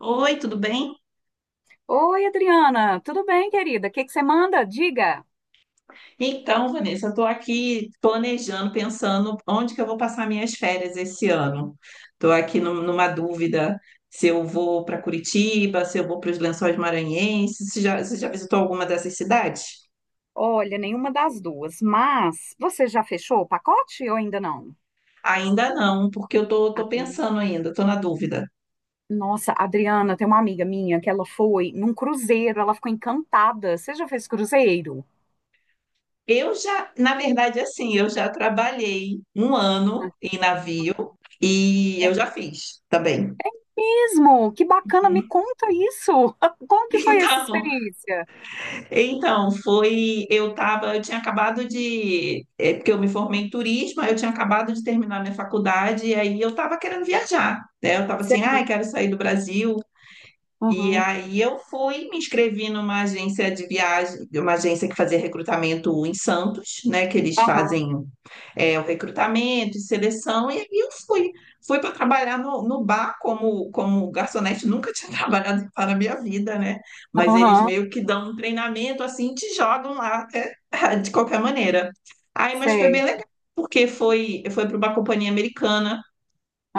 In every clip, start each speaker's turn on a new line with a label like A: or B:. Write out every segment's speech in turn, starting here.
A: Oi, tudo bem?
B: Oi, Adriana, tudo bem, querida? O que que você manda? Diga.
A: Então, Vanessa, eu estou aqui planejando, pensando onde que eu vou passar minhas férias esse ano. Estou aqui numa dúvida se eu vou para Curitiba, se eu vou para os Lençóis Maranhenses. Você já visitou alguma dessas cidades?
B: Olha, nenhuma das duas, mas você já fechou o pacote ou ainda não?
A: Ainda não, porque eu tô pensando ainda, estou na dúvida.
B: Nossa, Adriana, tem uma amiga minha que ela foi num cruzeiro, ela ficou encantada. Você já fez cruzeiro?
A: Na verdade, assim, eu já trabalhei um ano em navio e
B: É
A: eu já fiz também.
B: mesmo? Que bacana, me conta isso. Como que foi essa
A: Então,
B: experiência?
A: Então, foi. Eu tinha acabado de. É, porque eu me formei em turismo, aí eu tinha acabado de terminar minha faculdade, e aí eu estava querendo viajar, né? Eu estava assim,
B: Sei.
A: ai, quero sair do Brasil, e
B: Aham,
A: aí eu fui, me inscrevi numa agência de viagem, uma agência que fazia recrutamento em Santos, né? Que eles
B: aham,
A: fazem o recrutamento e seleção, e aí eu fui. Fui para trabalhar no bar como garçonete, nunca tinha trabalhado em bar na minha vida, né? Mas eles
B: aham,
A: meio que dão um treinamento assim, te jogam lá de qualquer maneira. Aí, mas foi
B: sei.
A: bem legal, porque foi para uma companhia americana.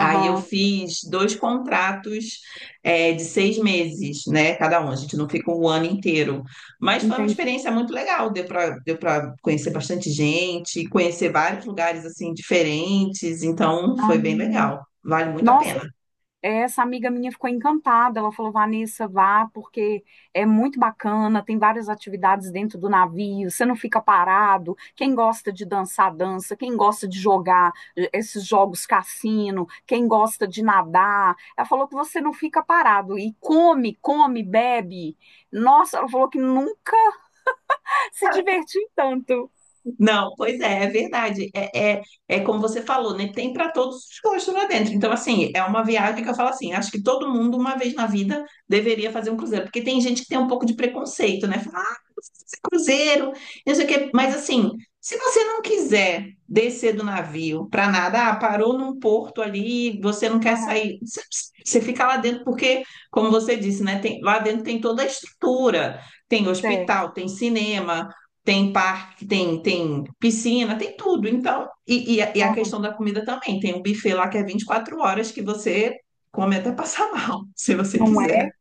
A: Aí eu fiz dois contratos de 6 meses, né? Cada um. A gente não fica um ano inteiro. Mas foi uma
B: entendi.
A: experiência muito legal. Deu para conhecer bastante gente, conhecer vários lugares assim diferentes. Então foi bem
B: Ah,
A: legal. Vale muito a
B: nossa,
A: pena.
B: essa amiga minha ficou encantada. Ela falou: Vanessa, vá, porque é muito bacana, tem várias atividades dentro do navio, você não fica parado. Quem gosta de dançar, dança. Quem gosta de jogar esses jogos cassino, quem gosta de nadar. Ela falou que você não fica parado e come, come, bebe. Nossa, ela falou que nunca se divertiu tanto.
A: Não, pois é, é verdade. É como você falou, né? Tem para todos os gostos lá dentro. Então, assim, é uma viagem que eu falo assim: acho que todo mundo, uma vez na vida, deveria fazer um cruzeiro. Porque tem gente que tem um pouco de preconceito, né? Fala, ah, esse cruzeiro, não sei o quê.
B: Ah,
A: Mas, assim, se você não quiser descer do navio para nada, ah, parou num porto ali, você não quer
B: aham,
A: sair, você fica lá dentro, porque, como você disse, né? Tem, lá dentro tem toda a estrutura: tem
B: é,
A: hospital, tem cinema, tem parque, tem piscina, tem tudo. Então, e a
B: aham,
A: questão da comida também. Tem um buffet lá que é 24 horas que você come até passar mal, se você
B: não é.
A: quiser.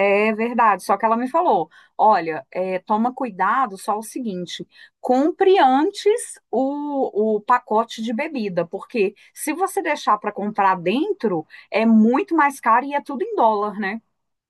B: É verdade, só que ela me falou: olha, é, toma cuidado só o seguinte, compre antes o pacote de bebida, porque se você deixar para comprar dentro, é muito mais caro e é tudo em dólar, né?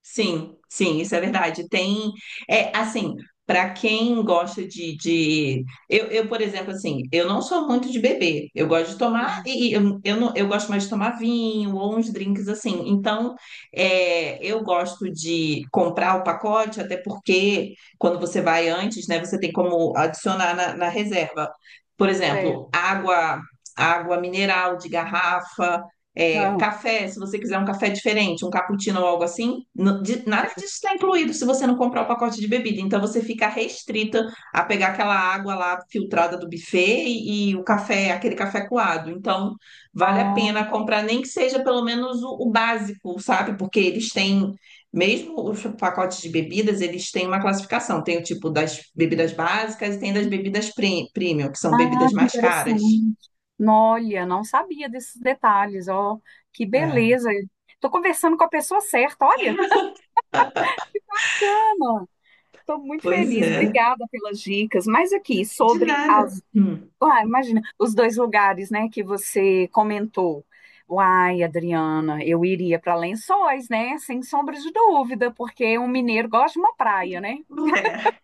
A: Sim, sim, isso é verdade. Tem, é assim, para quem gosta de... Eu, por exemplo, assim, eu não sou muito de beber. Eu gosto de tomar
B: Uhum.
A: e eu, não, eu gosto mais de tomar vinho ou uns drinks assim. Então, eu gosto de comprar o pacote, até porque quando você vai antes, né, você tem como adicionar na reserva. Por
B: É.
A: exemplo, água mineral de garrafa. É,
B: Ah,
A: café, se você quiser um café diferente, um cappuccino ou algo assim, nada
B: certo.
A: disso está incluído se você não comprar o pacote de bebida. Então você fica restrita a pegar aquela água lá filtrada do buffet e o café, aquele café coado. Então vale a
B: Ah,
A: pena comprar, nem que seja pelo menos o básico, sabe? Porque eles têm, mesmo os pacotes de bebidas, eles têm uma classificação. Tem o tipo das bebidas básicas e tem das bebidas premium, que são
B: ah,
A: bebidas
B: que
A: mais caras.
B: interessante. Nó, olha, não sabia desses detalhes, ó, que
A: É,
B: beleza. Tô conversando com a pessoa certa, olha, cama. Tô muito
A: pois
B: feliz,
A: é.
B: obrigada pelas dicas. Mas aqui,
A: De
B: sobre
A: nada.
B: as...
A: Hum.
B: Ah, imagina, os dois lugares, né, que você comentou. Uai, Adriana, eu iria para Lençóis, né? Sem sombra de dúvida, porque um mineiro gosta de uma praia, né?
A: É.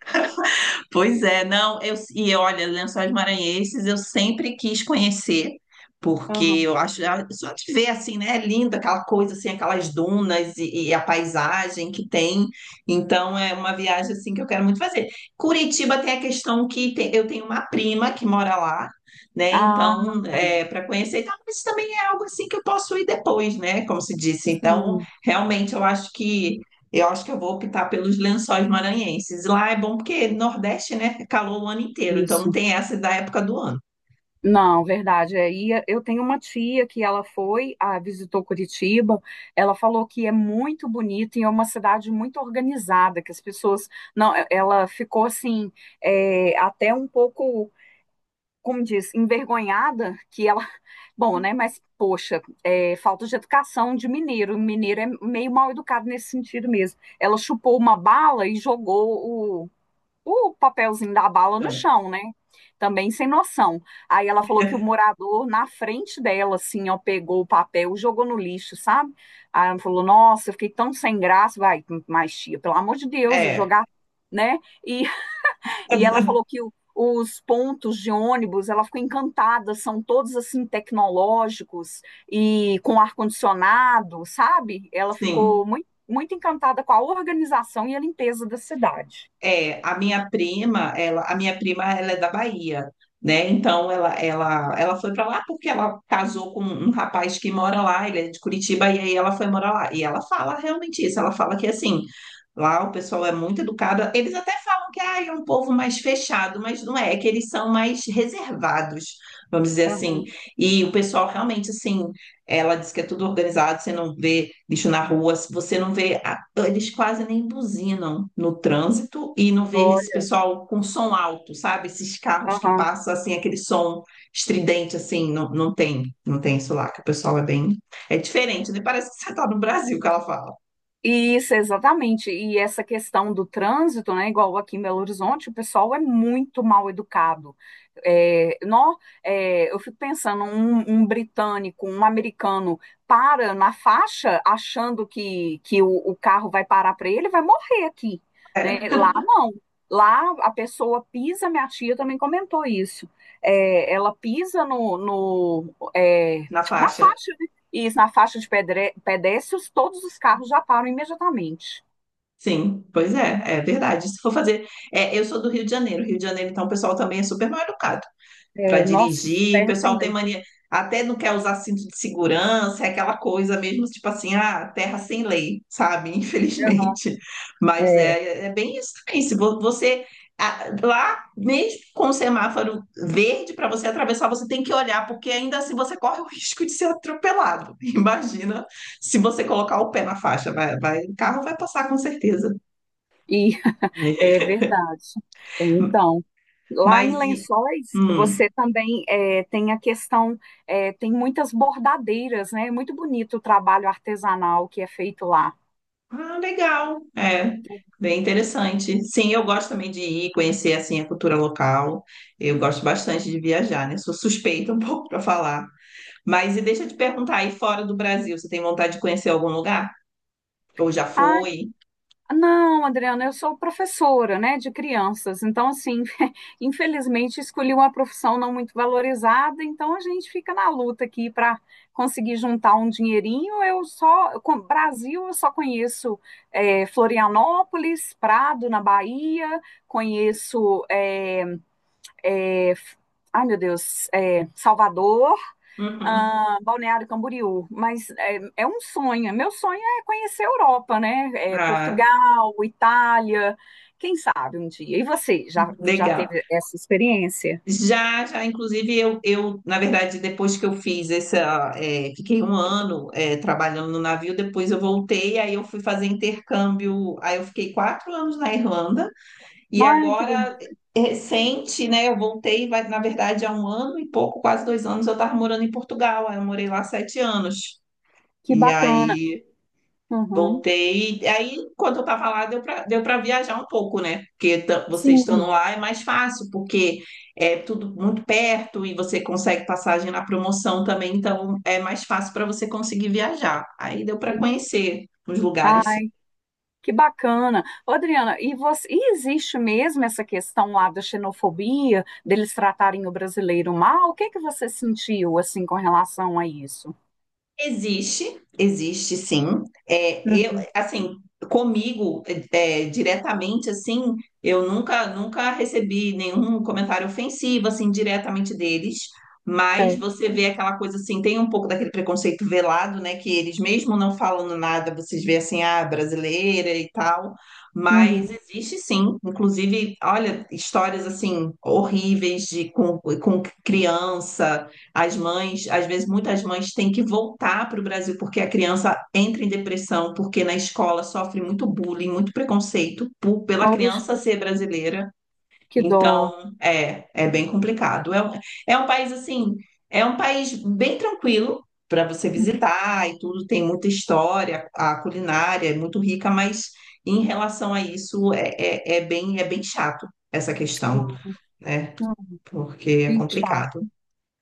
A: Pois é, não, e olha, Lençóis Maranhenses eu sempre quis conhecer, porque
B: Aham.
A: eu acho, só de ver assim, né, é lindo aquela coisa assim, aquelas dunas e a paisagem que tem, então é uma viagem assim que eu quero muito fazer. Curitiba tem a questão eu tenho uma prima que mora lá, né,
B: Ah,
A: então para conhecer, então, mas também é algo assim que eu posso ir depois, né, como se disse, então
B: sim,
A: realmente eu acho que eu vou optar pelos lençóis maranhenses. Lá é bom porque Nordeste, né? É calor o ano inteiro, então não
B: isso.
A: tem essa da época do ano.
B: Não, verdade. É, e eu tenho uma tia que ela foi, ah, visitou Curitiba. Ela falou que é muito bonito e é uma cidade muito organizada, que as pessoas... Não, ela ficou assim, é, até um pouco, como diz, envergonhada, que ela... Bom, né? Mas, poxa, é, falta de educação de mineiro. O mineiro é meio mal educado nesse sentido mesmo. Ela chupou uma bala e jogou o papelzinho da bala no
A: Então,
B: chão, né? Também sem noção. Aí ela falou que o morador, na frente dela, assim, ó, pegou o papel, jogou no lixo, sabe? Aí ela falou: Nossa, eu fiquei tão sem graça. Vai, mas tia, pelo amor de Deus, eu
A: é,
B: jogar, né? E e ela falou que o- os pontos de ônibus, ela ficou encantada, são todos assim tecnológicos e com ar-condicionado, sabe? Ela ficou
A: sim.
B: muito, muito encantada com a organização e a limpeza da cidade.
A: É, a minha prima, ela é da Bahia, né? Então ela foi para lá porque ela casou com um rapaz que mora lá, ele é de Curitiba e aí ela foi morar lá. E ela fala realmente isso, ela fala que assim, lá o pessoal é muito educado. Eles até falam que ah, é um povo mais fechado, mas não é, é que eles são mais reservados, vamos dizer assim.
B: Aham.
A: E o pessoal realmente assim, ela diz que é tudo organizado, você não vê lixo na rua, você não vê então, eles quase nem buzinam no trânsito e não vejo esse
B: Olha,
A: pessoal com som alto, sabe? Esses carros que
B: aham.
A: passam assim, aquele som estridente, assim, não, não tem, não tem isso lá, que o pessoal é bem. É diferente, né? Parece que você tá no Brasil que ela fala.
B: Isso, exatamente. E essa questão do trânsito, né? Igual aqui em Belo Horizonte, o pessoal é muito mal educado. É, eu fico pensando, um britânico, um americano para na faixa achando que o carro vai parar para ele, vai morrer aqui, né?
A: É,
B: Lá não. Lá a pessoa pisa, minha tia também comentou isso. É, ela pisa no, no, é,
A: na
B: na
A: faixa.
B: faixa, isso, na faixa de pedestres, todos os carros já param imediatamente.
A: Sim, pois é, é verdade. Se for fazer. Eu sou do Rio de Janeiro, então o pessoal também é super mal educado. Para
B: É, nossa,
A: dirigir. O
B: terra sem
A: pessoal tem
B: lei.
A: mania, até não quer usar cinto de segurança, é aquela coisa mesmo, tipo assim, ah, terra sem lei, sabe?
B: Aham.
A: Infelizmente. Mas
B: É,
A: é bem isso também. Se você. Ah, lá, mesmo com o semáforo verde para você atravessar, você tem que olhar, porque ainda assim você corre o risco de ser atropelado. Imagina se você colocar o pé na faixa, o carro vai passar com certeza.
B: e é verdade. Então, lá em
A: Mas e.
B: Lençóis,
A: Hum.
B: você também é, tem a questão, tem muitas bordadeiras, né? É muito bonito o trabalho artesanal que é feito lá.
A: Ah, legal. É, bem interessante. Sim, eu gosto também de ir conhecer assim a cultura local. Eu gosto bastante de viajar, né? Sou suspeita um pouco para falar. Mas e deixa eu te perguntar, aí fora do Brasil, você tem vontade de conhecer algum lugar? Ou já
B: Ah,
A: foi?
B: não, Adriana, eu sou professora, né, de crianças. Então, assim, infelizmente escolhi uma profissão não muito valorizada, então a gente fica na luta aqui para conseguir juntar um dinheirinho. Eu só, Brasil, eu só conheço Florianópolis, Prado, na Bahia, conheço é, ai meu Deus, Salvador,
A: Uhum.
B: ah, Balneário Camboriú, mas é, é um sonho. Meu sonho é conhecer a Europa, né? É,
A: Ah,
B: Portugal, Itália, quem sabe um dia. E você já, já
A: legal.
B: teve essa experiência?
A: Já, já, inclusive, eu, na verdade, depois que eu fiz essa, fiquei um ano, trabalhando no navio, depois eu voltei, aí eu fui fazer intercâmbio, aí eu fiquei 4 anos na Irlanda. E
B: Ai,
A: agora, é recente, né? Eu voltei, vai, na verdade, há um ano e pouco, quase 2 anos, eu estava morando em Portugal. Aí eu morei lá 7 anos.
B: que
A: E
B: bacana.
A: aí
B: Uhum.
A: voltei. E aí, quando eu estava lá, deu para viajar um pouco, né? Porque você estando
B: Sim.
A: lá é mais fácil, porque é tudo muito perto e você consegue passagem na promoção também, então é mais fácil para você conseguir viajar. Aí deu para conhecer os
B: Ah,
A: lugares.
B: que bacana. Ô, Adriana, e, você, e existe mesmo essa questão lá da xenofobia, deles tratarem o brasileiro mal? O que que você sentiu, assim, com relação a isso?
A: Existe, existe sim. Eu,
B: Uhum,
A: assim, comigo, diretamente, assim, eu nunca recebi nenhum comentário ofensivo, assim, diretamente deles, mas
B: é.
A: você vê aquela coisa, assim, tem um pouco daquele preconceito velado, né, que eles mesmo não falando nada, vocês vê assim, ah, brasileira e tal, mas
B: Uhum.
A: existe sim, inclusive, olha, histórias, assim, horríveis com criança, as mães, às vezes, muitas mães têm que voltar para o Brasil porque a criança entra em depressão, porque na escola sofre muito bullying, muito preconceito pela
B: Poxa,
A: criança ser brasileira.
B: que dó.
A: Então, é bem complicado. É um país, assim, é um país bem tranquilo para você visitar e tudo, tem muita história, a culinária é muito rica, mas em relação a isso, é bem chato essa questão,
B: Não,
A: né?
B: não,
A: Porque é
B: que chato.
A: complicado.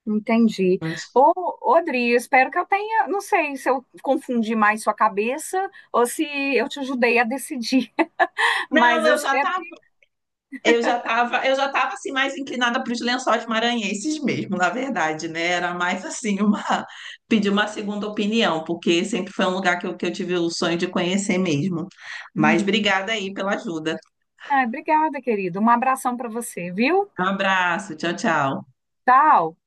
B: Entendi.
A: Mas...
B: Ô, ô, Adri, eu espero que eu tenha, não sei se eu confundi mais sua cabeça ou se eu te ajudei a decidir,
A: Não,
B: mas eu espero.
A: eu já estava assim mais inclinada para os lençóis maranhenses mesmo, na verdade, né? Era mais assim uma pedir uma segunda opinião, porque sempre foi um lugar que eu tive o sonho de conhecer mesmo. Mas
B: Uhum.
A: obrigada aí pela ajuda.
B: Ah, obrigada, querido. Um abração para você, viu?
A: Um abraço, tchau, tchau.
B: Tchau.